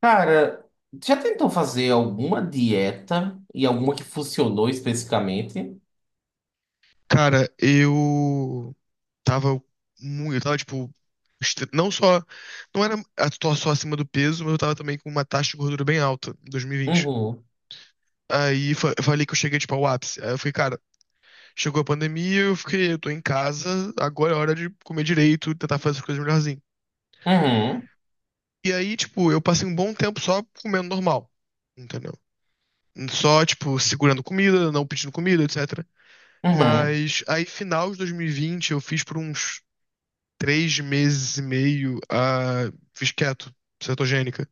Cara, já tentou fazer alguma dieta e alguma que funcionou especificamente? Cara, eu tava muito, eu tava tipo, estre- não só, não era a- tô só acima do peso, mas eu tava também com uma taxa de gordura bem alta em 2020. Uhum, Eu falei que eu cheguei tipo ao ápice. Aí eu fiquei, cara, chegou a pandemia, eu fiquei, eu tô em casa, agora é hora de comer direito, tentar fazer as coisas melhorzinho. uhum, E aí, tipo, eu passei um bom tempo só comendo normal, entendeu? Só, tipo, segurando comida, não pedindo comida, etc. uhum. Mas aí, final de 2020, eu fiz por uns três meses e meio a. Fiz keto, cetogênica.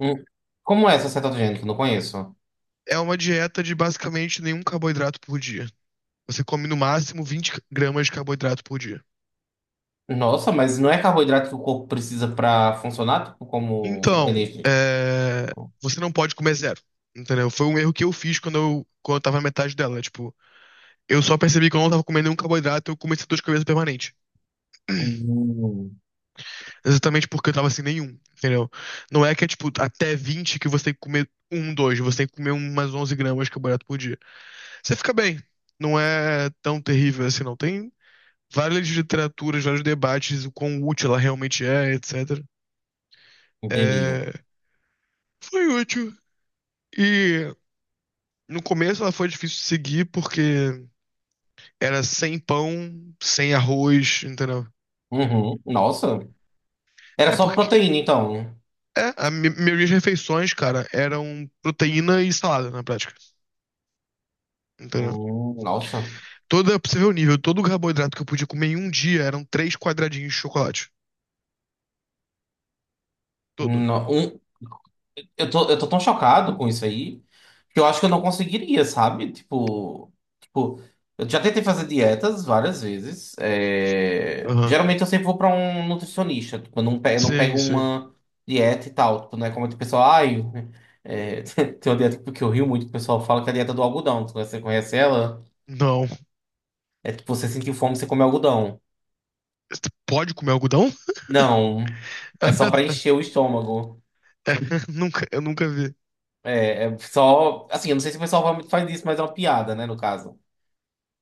Uhum. Como é essa cetogênica? Que eu não conheço. É uma dieta de basicamente nenhum carboidrato por dia. Você come no máximo 20 gramas de carboidrato por dia. Nossa, mas não é carboidrato que o corpo precisa pra funcionar, tipo, como Então, energia? é, você não pode comer zero. Entendeu? Foi um erro que eu fiz quando eu tava na metade dela. Tipo, eu só percebi que eu não tava comendo nenhum carboidrato, eu comecei dor de cabeça permanente. Hum, Exatamente porque eu tava sem nenhum, entendeu? Não é que é tipo até 20 que você tem que comer um, dois, você tem que comer umas 11 gramas de carboidrato por dia. Você fica bem. Não é tão terrível assim, não. Tem várias literaturas, vários debates, o quão útil ela realmente é, etc. entendi. É, foi útil. E no começo ela foi difícil de seguir porque era sem pão, sem arroz, entendeu? Uhum. Nossa. Era É só porque. proteína, então. É, a maioria das refeições, cara, eram proteína e salada na prática, entendeu? Nossa. Toda, pra você ver o nível, todo o carboidrato que eu podia comer em um dia eram três quadradinhos de chocolate. Todo. No- um- eu tô tão chocado com isso aí que eu acho que eu não conseguiria, sabe? Tipo, eu já tentei fazer dietas várias vezes. Aham. Geralmente eu sempre vou pra um nutricionista. Tipo, eu não Sim, pego sim. uma dieta e tal. Tipo, não é como o pessoal, ai, tem uma dieta que eu rio muito, que o pessoal fala que é a dieta do algodão. Você conhece ela? Não. É tipo, você sentir fome, você come algodão. Você pode comer algodão? Não, é só pra encher o estômago. É, nunca, eu nunca vi. É, é só, assim, eu não sei se o pessoal realmente faz isso, mas é uma piada, né, no caso.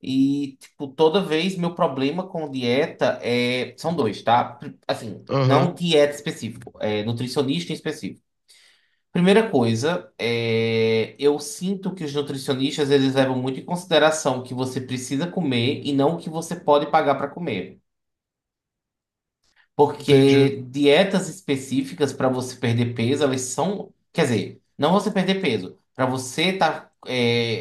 E, tipo, toda vez meu problema com dieta é... São dois, tá? Assim, não Aham. dieta específico, é nutricionista em específico. Primeira coisa, é... eu sinto que os nutricionistas, eles levam muito em consideração o que você precisa comer e não o que você pode pagar para comer. Entendi. Porque dietas específicas para você perder peso, elas são. Quer dizer, não você perder peso, para você estar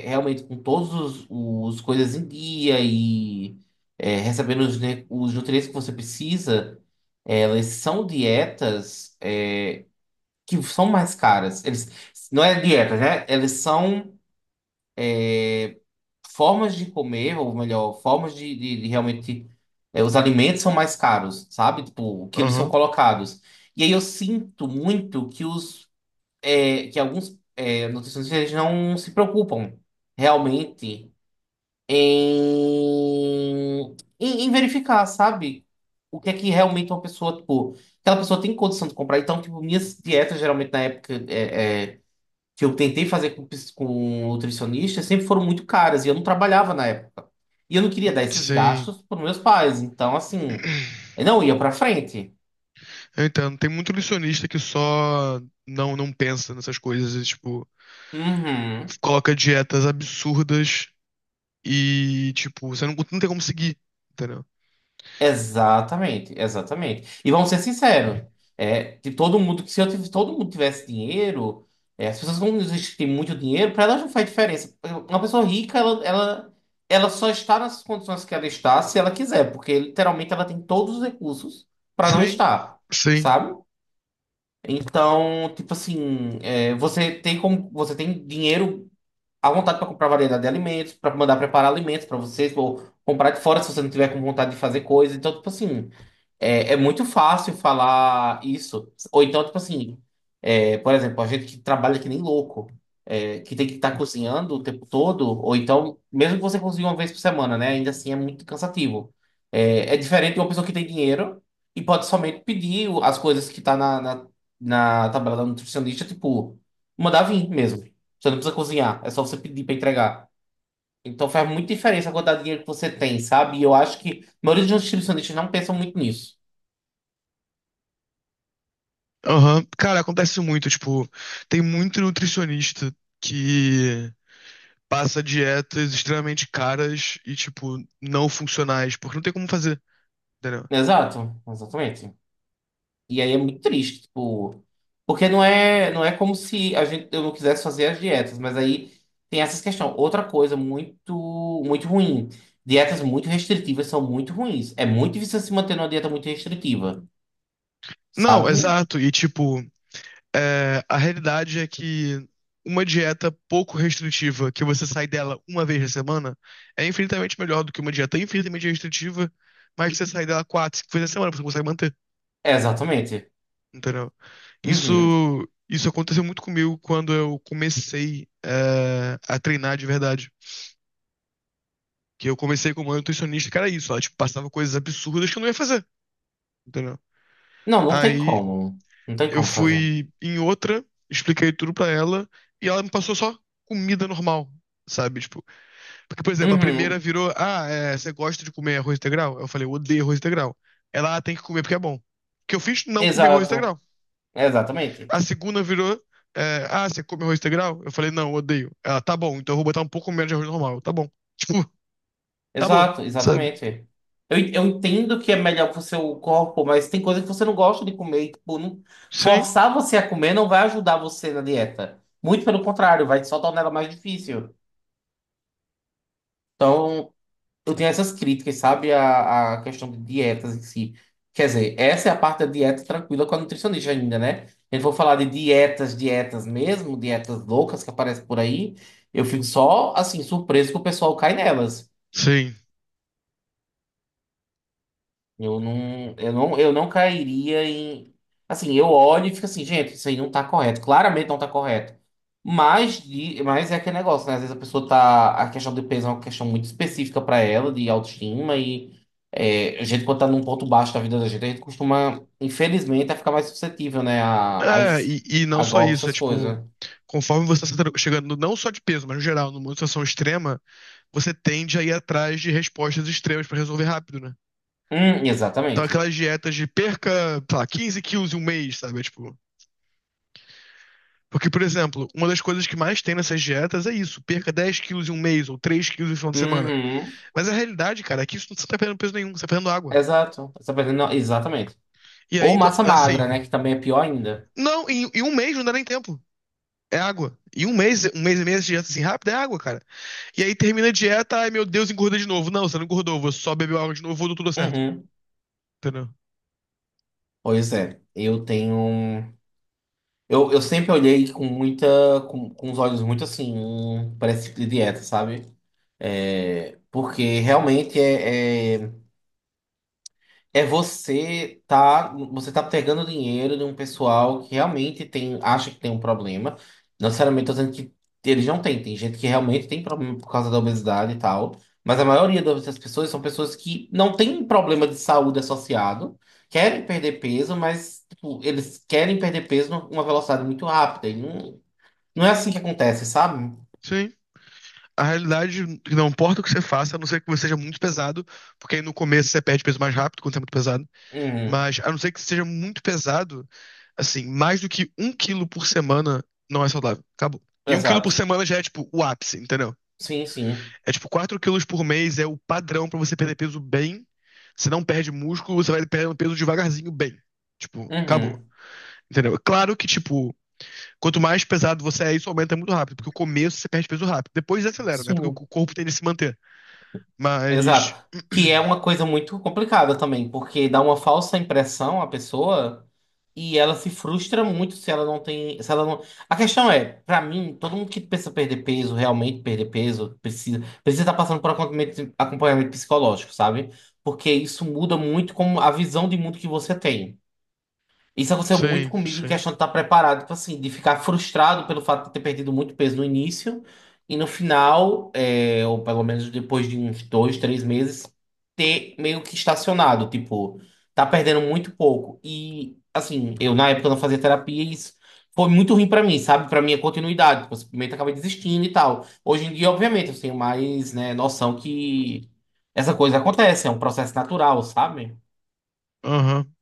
realmente com todos os, os coisas em dia e recebendo os, os nutrientes que você precisa, elas são dietas que são mais caras. Eles, não é dieta, né? Eles são formas de comer, ou melhor, formas de realmente. Os alimentos são mais caros, sabe? Tipo, o que eles são Aham. colocados. E aí eu sinto muito que alguns nutricionistas eles não se preocupam realmente em, em verificar, sabe? O que é que realmente uma pessoa, tipo, aquela pessoa tem condição de comprar. Então, tipo, minhas dietas geralmente na época que eu tentei fazer com, com nutricionista sempre foram muito caras e eu não trabalhava na época. E eu não queria dar esses Sim. gastos para meus pais. Então, assim, eu não ia para frente. Eu entendo. Tem muito nutricionista que só não pensa nessas coisas, e, tipo, Uhum. coloca dietas absurdas e, tipo, você não tem como seguir, entendeu? Exatamente, exatamente. E vamos ser sinceros, de todo mundo, que se eu tivesse, todo mundo tivesse dinheiro, as pessoas que não têm muito dinheiro, para elas não faz diferença. Uma pessoa rica, ela só está nas condições que ela está se ela quiser, porque literalmente ela tem todos os recursos para não Sim, estar, sim. sabe? Então, tipo assim, você tem como, você tem dinheiro à vontade para comprar variedade de alimentos, para mandar preparar alimentos para vocês, ou comprar de fora se você não tiver com vontade de fazer coisa. Então, tipo assim, é muito fácil falar isso. Ou então, tipo assim, por exemplo, a gente que trabalha que nem louco, que tem que estar cozinhando o tempo todo, ou então, mesmo que você cozinhe uma vez por semana, né? Ainda assim é muito cansativo. É, é diferente de uma pessoa que tem dinheiro e pode somente pedir as coisas que tá na tabela da nutricionista, tipo, mandar vir mesmo. Você não precisa cozinhar, é só você pedir para entregar. Então faz muita diferença a quantidade de dinheiro que você tem, sabe? E eu acho que a maioria dos nutricionistas não pensam muito nisso. Aham. Cara, acontece muito, tipo, tem muito nutricionista que passa dietas extremamente caras e, tipo, não funcionais, porque não tem como fazer, entendeu? Exato, exatamente. E aí é muito triste, tipo, porque não é como se a gente, eu não quisesse fazer as dietas, mas aí tem essas questões. Outra coisa muito, muito ruim. Dietas muito restritivas são muito ruins. É muito difícil se manter numa dieta muito restritiva, Não, sabe? exato. E, tipo, é, a realidade é que uma dieta pouco restritiva, que você sai dela uma vez na semana, é infinitamente melhor do que uma dieta infinitamente restritiva, mas que você sai dela quatro, cinco vezes na semana, você consegue manter. Exatamente. Entendeu? Isso, Uhum. isso aconteceu muito comigo quando eu comecei a treinar de verdade. Que eu comecei como nutricionista, que era isso. Ela, tipo, passava coisas absurdas que eu não ia fazer. Entendeu? Não, não tem Aí como. Não tem eu como fazer. fui em outra, expliquei tudo pra ela e ela me passou só comida normal, sabe? Tipo, porque, por exemplo, a primeira Uhum. virou: Ah, é, você gosta de comer arroz integral? Eu falei: Eu odeio arroz integral. Ela ah, tem que comer porque é bom. O que eu fiz? Não comer arroz Exato. integral. Exatamente. A segunda virou. É, ah, você come arroz integral? Eu falei, não, eu odeio. Ela, tá bom, então eu vou botar um pouco menos de arroz normal. Tá bom. Tipo, acabou, Exato, sabe? exatamente. Eu entendo que é melhor pro seu corpo, mas tem coisa que você não gosta de comer. Tipo, Sim, forçar você a comer não vai ajudar você na dieta. Muito pelo contrário, vai só tornar ela mais difícil. Então, eu tenho essas críticas, sabe? A questão de dietas em si. Quer dizer, essa é a parte da dieta tranquila com a nutricionista ainda, né? Eu vou falar de dietas, dietas mesmo, dietas loucas que aparecem por aí. Eu fico só, assim, surpreso que o pessoal cai nelas. sim. Eu não cairia em. Assim, eu olho e fico assim, gente, isso aí não tá correto. Claramente não tá correto. Mas é aquele negócio, né? Às vezes a pessoa tá. A questão do peso é uma questão muito específica pra ela, de autoestima. E a gente, quando tá num ponto baixo da vida da gente, a gente costuma, infelizmente, a ficar mais suscetível, né? É, e não A só golpes, isso, é essas tipo, coisas. conforme você está chegando, não só de peso, mas no geral, numa situação extrema, você tende a ir atrás de respostas extremas pra resolver rápido, né? Então, Exatamente. aquelas dietas de perca, sei lá, 15 quilos em um mês, sabe? É, tipo. Porque, por exemplo, uma das coisas que mais tem nessas dietas é isso: perca 10 quilos em um mês ou 3 quilos no final de semana. Uhum. Mas a realidade, cara, é que isso não tá perdendo peso nenhum, você tá perdendo água. Exato. Essa pessoa não- Exatamente. E Ou aí, massa magra, assim, né? Que também é pior ainda. não, em um mês não dá nem tempo. É água. Em um mês e meio, essa dieta assim rápida é água, cara. E aí termina a dieta, ai meu Deus, engorda de novo. Não, você não engordou, você só bebeu água de novo, voltou tudo certo. Uhum. Entendeu? Pois é, eu sempre olhei com muita. Com os olhos muito assim, pra esse tipo de dieta, sabe? É, porque realmente é você tá pegando dinheiro de um pessoal que realmente tem, acha que tem um problema. Não necessariamente tô dizendo que eles não têm, tem gente que realmente tem problema por causa da obesidade e tal, mas a maioria das pessoas são pessoas que não têm problema de saúde associado, querem perder peso, mas tipo, eles querem perder peso numa velocidade muito rápida. E não, não é assim que acontece, sabe? Sim. A realidade, não importa o que você faça, a não ser que você seja muito pesado, porque aí no começo você perde peso mais rápido quando você é muito pesado. Uhum, Mas a não ser que você seja muito pesado, assim, mais do que um quilo por semana não é saudável. Acabou. E um quilo por exato. semana já é tipo o ápice, entendeu? Sim, sim. É tipo 4 quilos por mês é o padrão pra você perder peso bem. Você não perde músculo, você vai perdendo peso devagarzinho bem. Tipo, acabou. Uhum. Entendeu? É claro que, tipo, quanto mais pesado você é, isso aumenta muito rápido, porque o começo você perde peso rápido. Depois acelera, né? Porque o Sim. corpo tende a se manter. Mas. Exato. Que é uma coisa muito complicada também, porque dá uma falsa impressão à pessoa e ela se frustra muito se ela não tem, se ela não... A questão é, pra mim, todo mundo que pensa perder peso, realmente perder peso, precisa estar passando por acompanhamento, acompanhamento psicológico, sabe? Porque isso muda muito como a visão de mundo que você tem. Isso aconteceu muito Sim, comigo, de sim. questão de estar preparado, tipo assim, de ficar frustrado pelo fato de ter perdido muito peso no início e no final, ou pelo menos depois de uns dois, três meses, ter meio que estacionado, tipo, tá perdendo muito pouco. E, assim, eu na época não fazia terapia e isso foi muito ruim pra mim, sabe? Pra minha continuidade, tipo, eu simplesmente acabei desistindo e tal. Hoje em dia, obviamente, eu tenho mais, né, noção que essa coisa acontece, é um processo natural, sabe? Aham.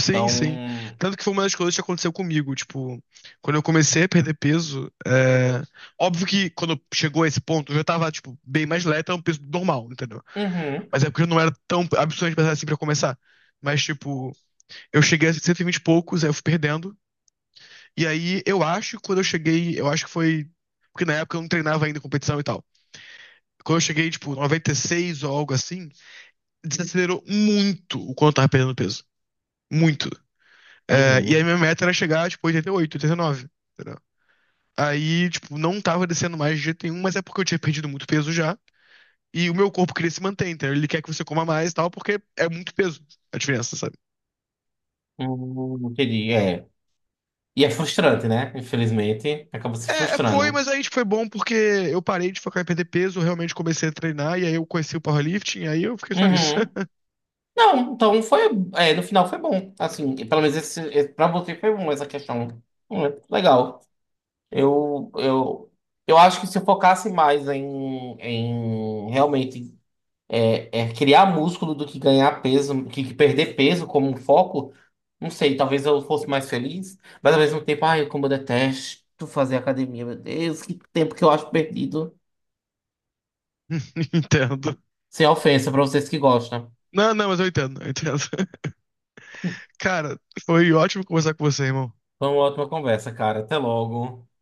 Sim, Então, sim. Tanto que foi uma das coisas que aconteceu comigo. Tipo, quando eu comecei a perder peso, é... óbvio que quando chegou a esse ponto, eu já tava, tipo, bem mais leve, era um peso normal, entendeu? uhum, Mas é porque eu não era tão absurdamente pesado assim pra começar. Mas, tipo, eu cheguei a 120 e vinte e poucos, aí eu fui perdendo. E aí, eu acho que quando eu cheguei, eu acho que foi. Porque na época eu não treinava ainda competição e tal. Quando eu cheguei, tipo, 96 ou algo assim, desacelerou muito o quanto eu tava perdendo peso. Muito. É, e aí, uhum. minha meta era chegar, tipo, 88, 89. Entendeu? Aí, tipo, não tava descendo mais de jeito nenhum, mas é porque eu tinha perdido muito peso já. E o meu corpo queria se manter, entendeu? Ele quer que você coma mais e tal, porque é muito peso a diferença, sabe? Entendi, é. E é frustrante, né? Infelizmente, acaba se É, foi, frustrando. mas aí tipo, foi bom porque eu parei de focar em perder peso, realmente comecei a treinar, e aí eu conheci o powerlifting, aí eu fiquei só nisso. Uhum. Não, então foi. No final foi bom. Assim, pelo menos pra você foi bom essa questão. É legal. Eu, eu, eu acho que se eu focasse mais em realmente criar músculo do que ganhar peso, que perder peso como um foco, não sei, talvez eu fosse mais feliz, mas ao mesmo tempo, ai, como eu detesto fazer academia, meu Deus, que tempo que eu acho perdido. Entendo. Sem ofensa para vocês que gostam. Não, não, mas eu entendo, eu entendo. Cara, foi ótimo conversar com você, irmão. Foi uma ótima conversa, cara. Até logo.